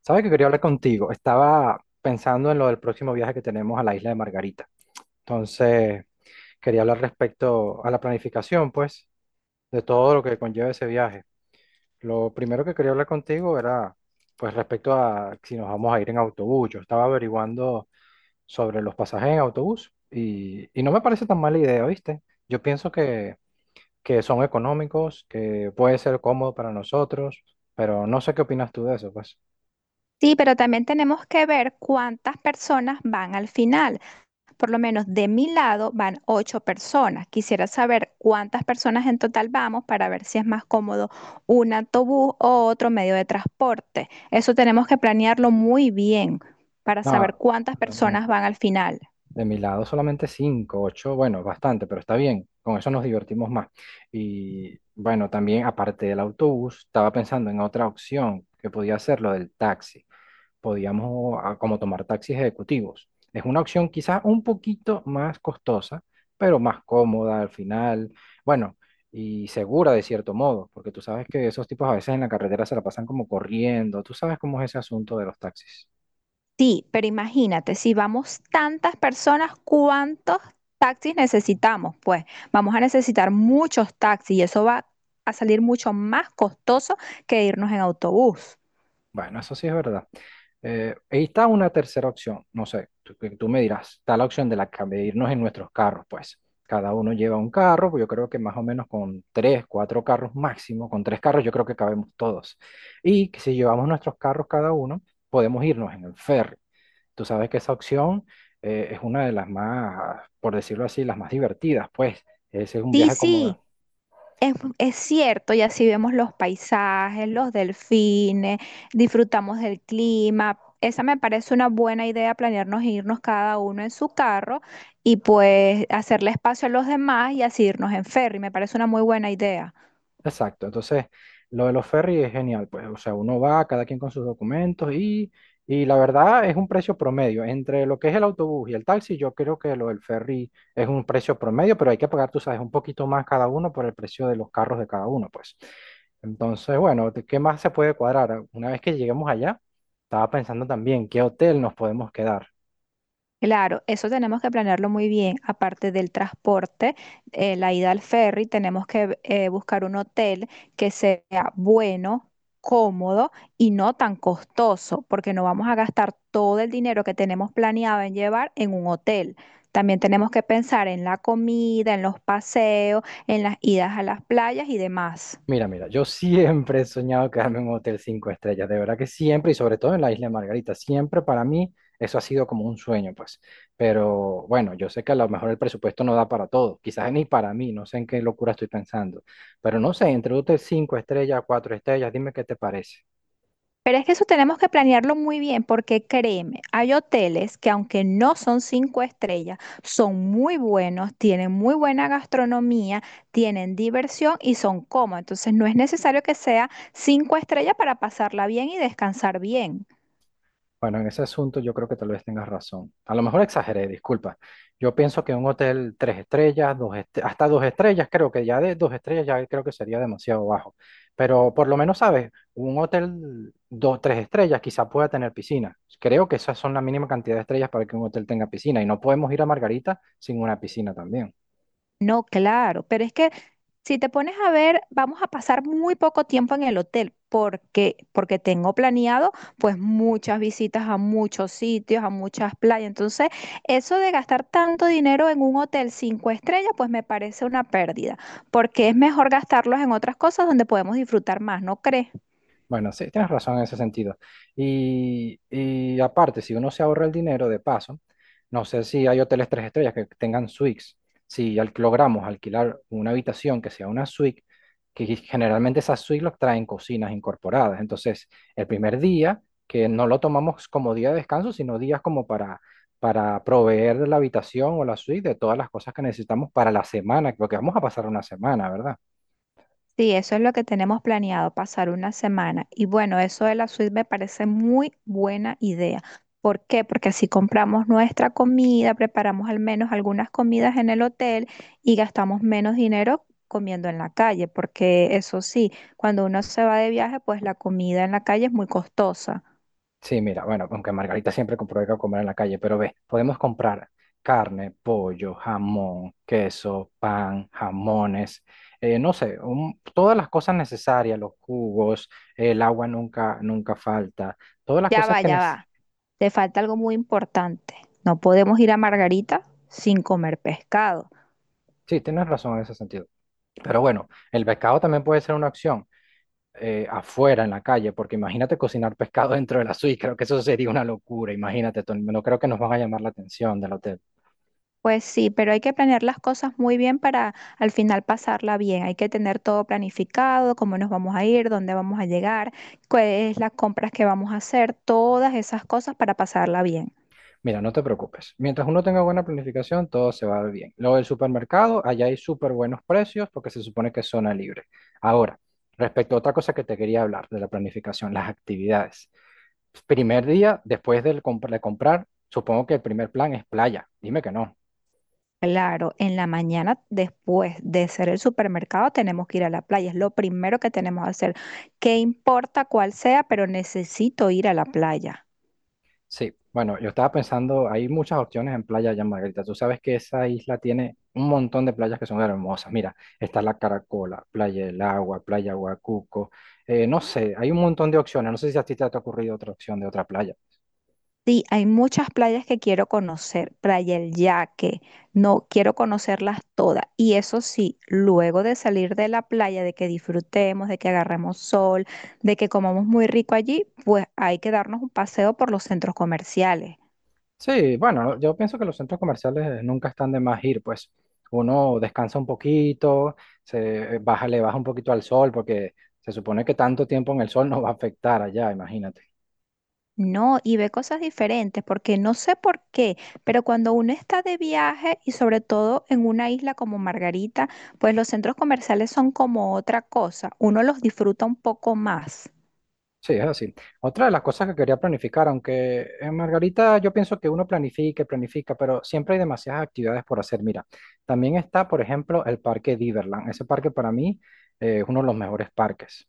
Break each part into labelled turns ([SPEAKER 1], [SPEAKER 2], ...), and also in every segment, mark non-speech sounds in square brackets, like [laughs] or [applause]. [SPEAKER 1] ¿Sabes que quería hablar contigo? Estaba pensando en lo del próximo viaje que tenemos a la isla de Margarita. Entonces, quería hablar respecto a la planificación, pues, de todo lo que conlleva ese viaje. Lo primero que quería hablar contigo era, pues, respecto a si nos vamos a ir en autobús. Yo estaba averiguando sobre los pasajes en autobús y no me parece tan mala idea, ¿viste? Yo pienso que son económicos, que puede ser cómodo para nosotros, pero no sé qué opinas tú de eso, pues.
[SPEAKER 2] Sí, pero también tenemos que ver cuántas personas van al final. Por lo menos de mi lado van ocho personas. Quisiera saber cuántas personas en total vamos para ver si es más cómodo un autobús o otro medio de transporte. Eso tenemos que planearlo muy bien para saber
[SPEAKER 1] No.
[SPEAKER 2] cuántas
[SPEAKER 1] No.
[SPEAKER 2] personas van al final.
[SPEAKER 1] De mi lado solamente 5 8, bueno, bastante, pero está bien, con eso nos divertimos más. Y bueno, también aparte del autobús, estaba pensando en otra opción que podía ser lo del taxi. Podíamos, como, tomar taxis ejecutivos. Es una opción quizás un poquito más costosa, pero más cómoda al final, bueno, y segura de cierto modo, porque tú sabes que esos tipos a veces en la carretera se la pasan como corriendo, tú sabes cómo es ese asunto de los taxis.
[SPEAKER 2] Sí, pero imagínate, si vamos tantas personas, ¿cuántos taxis necesitamos? Pues vamos a necesitar muchos taxis y eso va a salir mucho más costoso que irnos en autobús.
[SPEAKER 1] Bueno, eso sí es verdad. Ahí está una tercera opción, no sé, tú, que tú me dirás, está la opción de irnos en nuestros carros, pues. Cada uno lleva un carro, pues yo creo que más o menos con tres, cuatro carros máximo, con tres carros yo creo que cabemos todos. Y que si llevamos nuestros carros cada uno, podemos irnos en el ferry. Tú sabes que esa opción es una de las más, por decirlo así, las más divertidas, pues. Ese es un
[SPEAKER 2] Sí,
[SPEAKER 1] viaje
[SPEAKER 2] sí,
[SPEAKER 1] como…
[SPEAKER 2] es cierto, y así vemos los paisajes, los delfines, disfrutamos del clima. Esa me parece una buena idea, planearnos irnos cada uno en su carro y pues hacerle espacio a los demás y así irnos en ferry. Me parece una muy buena idea.
[SPEAKER 1] Exacto, entonces lo de los ferries es genial, pues, o sea, uno va, cada quien con sus documentos y la verdad es un precio promedio. Entre lo que es el autobús y el taxi, yo creo que lo del ferry es un precio promedio, pero hay que pagar, tú sabes, un poquito más cada uno por el precio de los carros de cada uno, pues. Entonces, bueno, ¿de ¿qué más se puede cuadrar? Una vez que lleguemos allá, estaba pensando también qué hotel nos podemos quedar.
[SPEAKER 2] Claro, eso tenemos que planearlo muy bien. Aparte del transporte, la ida al ferry, tenemos que buscar un hotel que sea bueno, cómodo y no tan costoso, porque no vamos a gastar todo el dinero que tenemos planeado en llevar en un hotel. También tenemos que pensar en la comida, en los paseos, en las idas a las playas y demás.
[SPEAKER 1] Mira, mira, yo siempre he soñado quedarme en un hotel cinco estrellas, de verdad que siempre, y sobre todo en la Isla de Margarita, siempre para mí eso ha sido como un sueño, pues. Pero bueno, yo sé que a lo mejor el presupuesto no da para todo, quizás ni para mí, no sé en qué locura estoy pensando, pero no sé, entre un hotel cinco estrellas, cuatro estrellas, dime qué te parece.
[SPEAKER 2] Pero es que eso tenemos que planearlo muy bien porque créeme, hay hoteles que aunque no son cinco estrellas, son muy buenos, tienen muy buena gastronomía, tienen diversión y son cómodos. Entonces no es necesario que sea cinco estrellas para pasarla bien y descansar bien.
[SPEAKER 1] Bueno, en ese asunto yo creo que tal vez tengas razón. A lo mejor exageré, disculpa. Yo pienso que un hotel tres estrellas, hasta dos estrellas, creo que ya de dos estrellas ya creo que sería demasiado bajo. Pero por lo menos, ¿sabes? Un hotel dos, tres estrellas quizá pueda tener piscina. Creo que esas son la mínima cantidad de estrellas para que un hotel tenga piscina. Y no podemos ir a Margarita sin una piscina también.
[SPEAKER 2] No, claro, pero es que si te pones a ver, vamos a pasar muy poco tiempo en el hotel porque tengo planeado pues muchas visitas a muchos sitios, a muchas playas. Entonces, eso de gastar tanto dinero en un hotel cinco estrellas, pues me parece una pérdida, porque es mejor gastarlos en otras cosas donde podemos disfrutar más, ¿no crees?
[SPEAKER 1] Bueno, sí, tienes razón en ese sentido. Y aparte, si uno se ahorra el dinero de paso, no sé si hay hoteles tres estrellas que tengan suites. Si logramos alquilar una habitación que sea una suite, que generalmente esas suites los traen cocinas incorporadas. Entonces, el primer día, que no lo tomamos como día de descanso, sino días como para proveer la habitación o la suite de todas las cosas que necesitamos para la semana, porque vamos a pasar una semana, ¿verdad?
[SPEAKER 2] Sí, eso es lo que tenemos planeado, pasar una semana. Y bueno, eso de la suite me parece muy buena idea. ¿Por qué? Porque así compramos nuestra comida, preparamos al menos algunas comidas en el hotel y gastamos menos dinero comiendo en la calle, porque eso sí, cuando uno se va de viaje, pues la comida en la calle es muy costosa.
[SPEAKER 1] Sí, mira, bueno, aunque Margarita siempre compró que comer en la calle, pero ve, podemos comprar carne, pollo, jamón, queso, pan, jamones, no sé, todas las cosas necesarias, los jugos, el agua nunca, nunca falta, todas las
[SPEAKER 2] Ya
[SPEAKER 1] cosas
[SPEAKER 2] va,
[SPEAKER 1] que
[SPEAKER 2] ya
[SPEAKER 1] necesitas.
[SPEAKER 2] va. Te falta algo muy importante. No podemos ir a Margarita sin comer pescado.
[SPEAKER 1] Sí, tienes razón en ese sentido. Pero bueno, el pescado también puede ser una opción, afuera, en la calle, porque imagínate cocinar pescado [laughs] dentro de la suite, creo que eso sería una locura, imagínate, Tony, no creo que nos van a llamar la atención del hotel.
[SPEAKER 2] Pues sí, pero hay que planear las cosas muy bien para al final pasarla bien. Hay que tener todo planificado, cómo nos vamos a ir, dónde vamos a llegar, cuáles las compras que vamos a hacer, todas esas cosas para pasarla bien.
[SPEAKER 1] Mira, no te preocupes. Mientras uno tenga buena planificación, todo se va a ver bien. Luego del supermercado, allá hay súper buenos precios porque se supone que es zona libre. Ahora, respecto a otra cosa que te quería hablar de la planificación, las actividades. Primer día, después de comprar, supongo que el primer plan es playa. Dime que no.
[SPEAKER 2] Claro, en la mañana después de hacer el supermercado tenemos que ir a la playa, es lo primero que tenemos que hacer. ¿Qué importa cuál sea? Pero necesito ir a la playa.
[SPEAKER 1] Sí, bueno, yo estaba pensando, hay muchas opciones en Playa de Jan Margarita. Tú sabes que esa isla tiene un montón de playas que son hermosas. Mira, está la Caracola, Playa del Agua, Playa Huacuco. No sé, hay un montón de opciones. No sé si a ti te ha ocurrido otra opción de otra playa.
[SPEAKER 2] Sí, hay muchas playas que quiero conocer, Playa El Yaque, no quiero conocerlas todas. Y eso sí, luego de salir de la playa, de que disfrutemos, de que agarremos sol, de que comamos muy rico allí, pues hay que darnos un paseo por los centros comerciales.
[SPEAKER 1] Sí, bueno, yo pienso que los centros comerciales nunca están de más ir, pues uno descansa un poquito, se baja, le baja un poquito al sol, porque se supone que tanto tiempo en el sol [laughs] no va a afectar allá, imagínate.
[SPEAKER 2] No, y ve cosas diferentes, porque no sé por qué, pero cuando uno está de viaje y sobre todo en una isla como Margarita, pues los centros comerciales son como otra cosa, uno los disfruta un poco más.
[SPEAKER 1] Sí, es así. Otra de las cosas que quería planificar, aunque en Margarita yo pienso que uno planifica y planifica, pero siempre hay demasiadas actividades por hacer. Mira, también está, por ejemplo, el Parque Diverland. Ese parque para mí es uno de los mejores parques.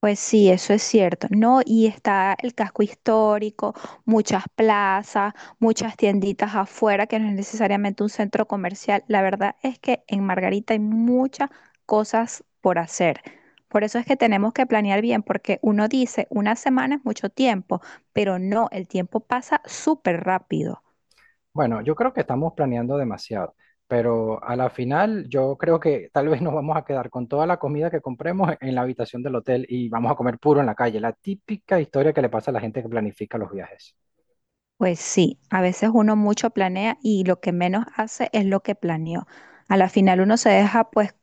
[SPEAKER 2] Pues sí, eso es cierto, ¿no? Y está el casco histórico, muchas plazas, muchas tienditas afuera, que no es necesariamente un centro comercial. La verdad es que en Margarita hay muchas cosas por hacer. Por eso es que tenemos que planear bien, porque uno dice, una semana es mucho tiempo, pero no, el tiempo pasa súper rápido.
[SPEAKER 1] Bueno, yo creo que estamos planeando demasiado, pero a la final yo creo que tal vez [laughs] nos vamos a quedar con toda la comida que compremos en la habitación del hotel y vamos a comer puro en la calle. La típica historia que le pasa a la gente que planifica los viajes.
[SPEAKER 2] Pues sí, a veces uno mucho planea y lo que menos hace es lo que planeó. A la final uno se deja pues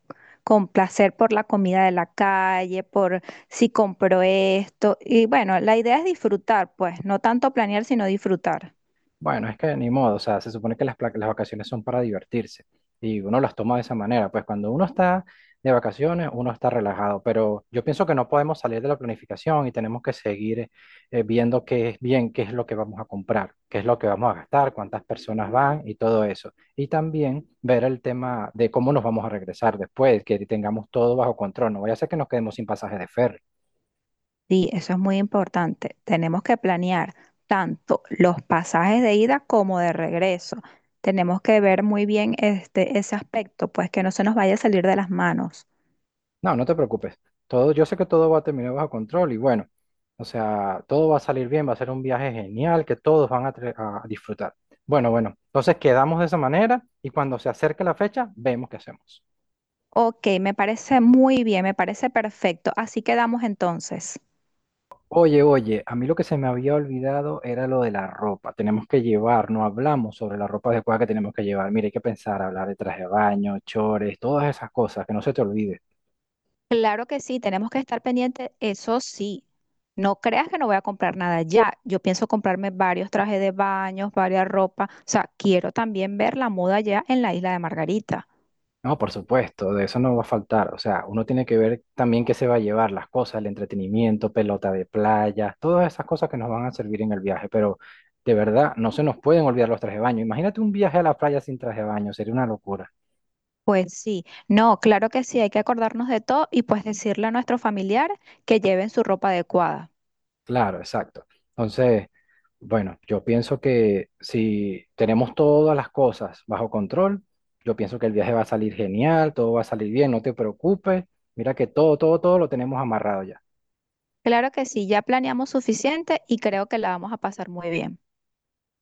[SPEAKER 2] complacer por la comida de la calle, por si compró esto. Y bueno, la idea es disfrutar, pues, no tanto planear, sino disfrutar.
[SPEAKER 1] Bueno, es que ni modo, o sea, se supone que las vacaciones son para divertirse y uno las toma de esa manera, pues cuando uno está de vacaciones, uno está relajado, pero yo pienso que no podemos salir de la planificación y tenemos que seguir viendo qué es bien, qué es lo que vamos a comprar, qué es lo que vamos a gastar, cuántas personas van y todo eso. Y también ver el tema de cómo nos vamos a regresar después, que tengamos todo bajo control, no vaya a ser que nos quedemos sin pasaje de ferry.
[SPEAKER 2] Sí, eso es muy importante. Tenemos que planear tanto los pasajes de ida como de regreso. Tenemos que ver muy bien ese aspecto, pues que no se nos vaya a salir de las manos.
[SPEAKER 1] No, no te preocupes. Todo, yo sé que todo va a terminar bajo control y bueno, o sea, todo va a salir bien, va a ser un viaje genial que todos van a disfrutar. Bueno, bueno, entonces quedamos de esa manera y cuando se acerque la fecha, vemos qué hacemos.
[SPEAKER 2] Ok, me parece muy bien, me parece perfecto. Así quedamos entonces.
[SPEAKER 1] Oye, oye, a mí lo que se me había olvidado era lo de la ropa. Tenemos que llevar, no hablamos sobre la ropa adecuada que tenemos que llevar. Mira, hay que pensar, hablar de traje de baño, chores, todas esas cosas, que no se te olvide.
[SPEAKER 2] Claro que sí, tenemos que estar pendientes, eso sí. No creas que no voy a comprar nada ya. Yo pienso comprarme varios trajes de baños, varias ropas. O sea, quiero también ver la moda ya en la isla de Margarita.
[SPEAKER 1] No, por supuesto, de eso no va a faltar. O sea, uno tiene que ver también qué se va a llevar, las cosas, el entretenimiento, pelota de playa, todas esas cosas que nos van a servir en el viaje. Pero de verdad, no se nos pueden olvidar los trajes de baño. Imagínate un viaje a la playa sin traje de baño, sería una locura.
[SPEAKER 2] Pues sí, no, claro que sí, hay que acordarnos de todo y pues decirle a nuestros familiares que lleven su ropa adecuada.
[SPEAKER 1] Claro, exacto. Entonces, bueno, yo pienso que si tenemos todas las cosas bajo control, yo pienso que el viaje va a salir genial, todo va a salir bien, no te preocupes. Mira que todo, todo, todo lo tenemos amarrado ya.
[SPEAKER 2] Claro que sí, ya planeamos suficiente y creo que la vamos a pasar muy bien.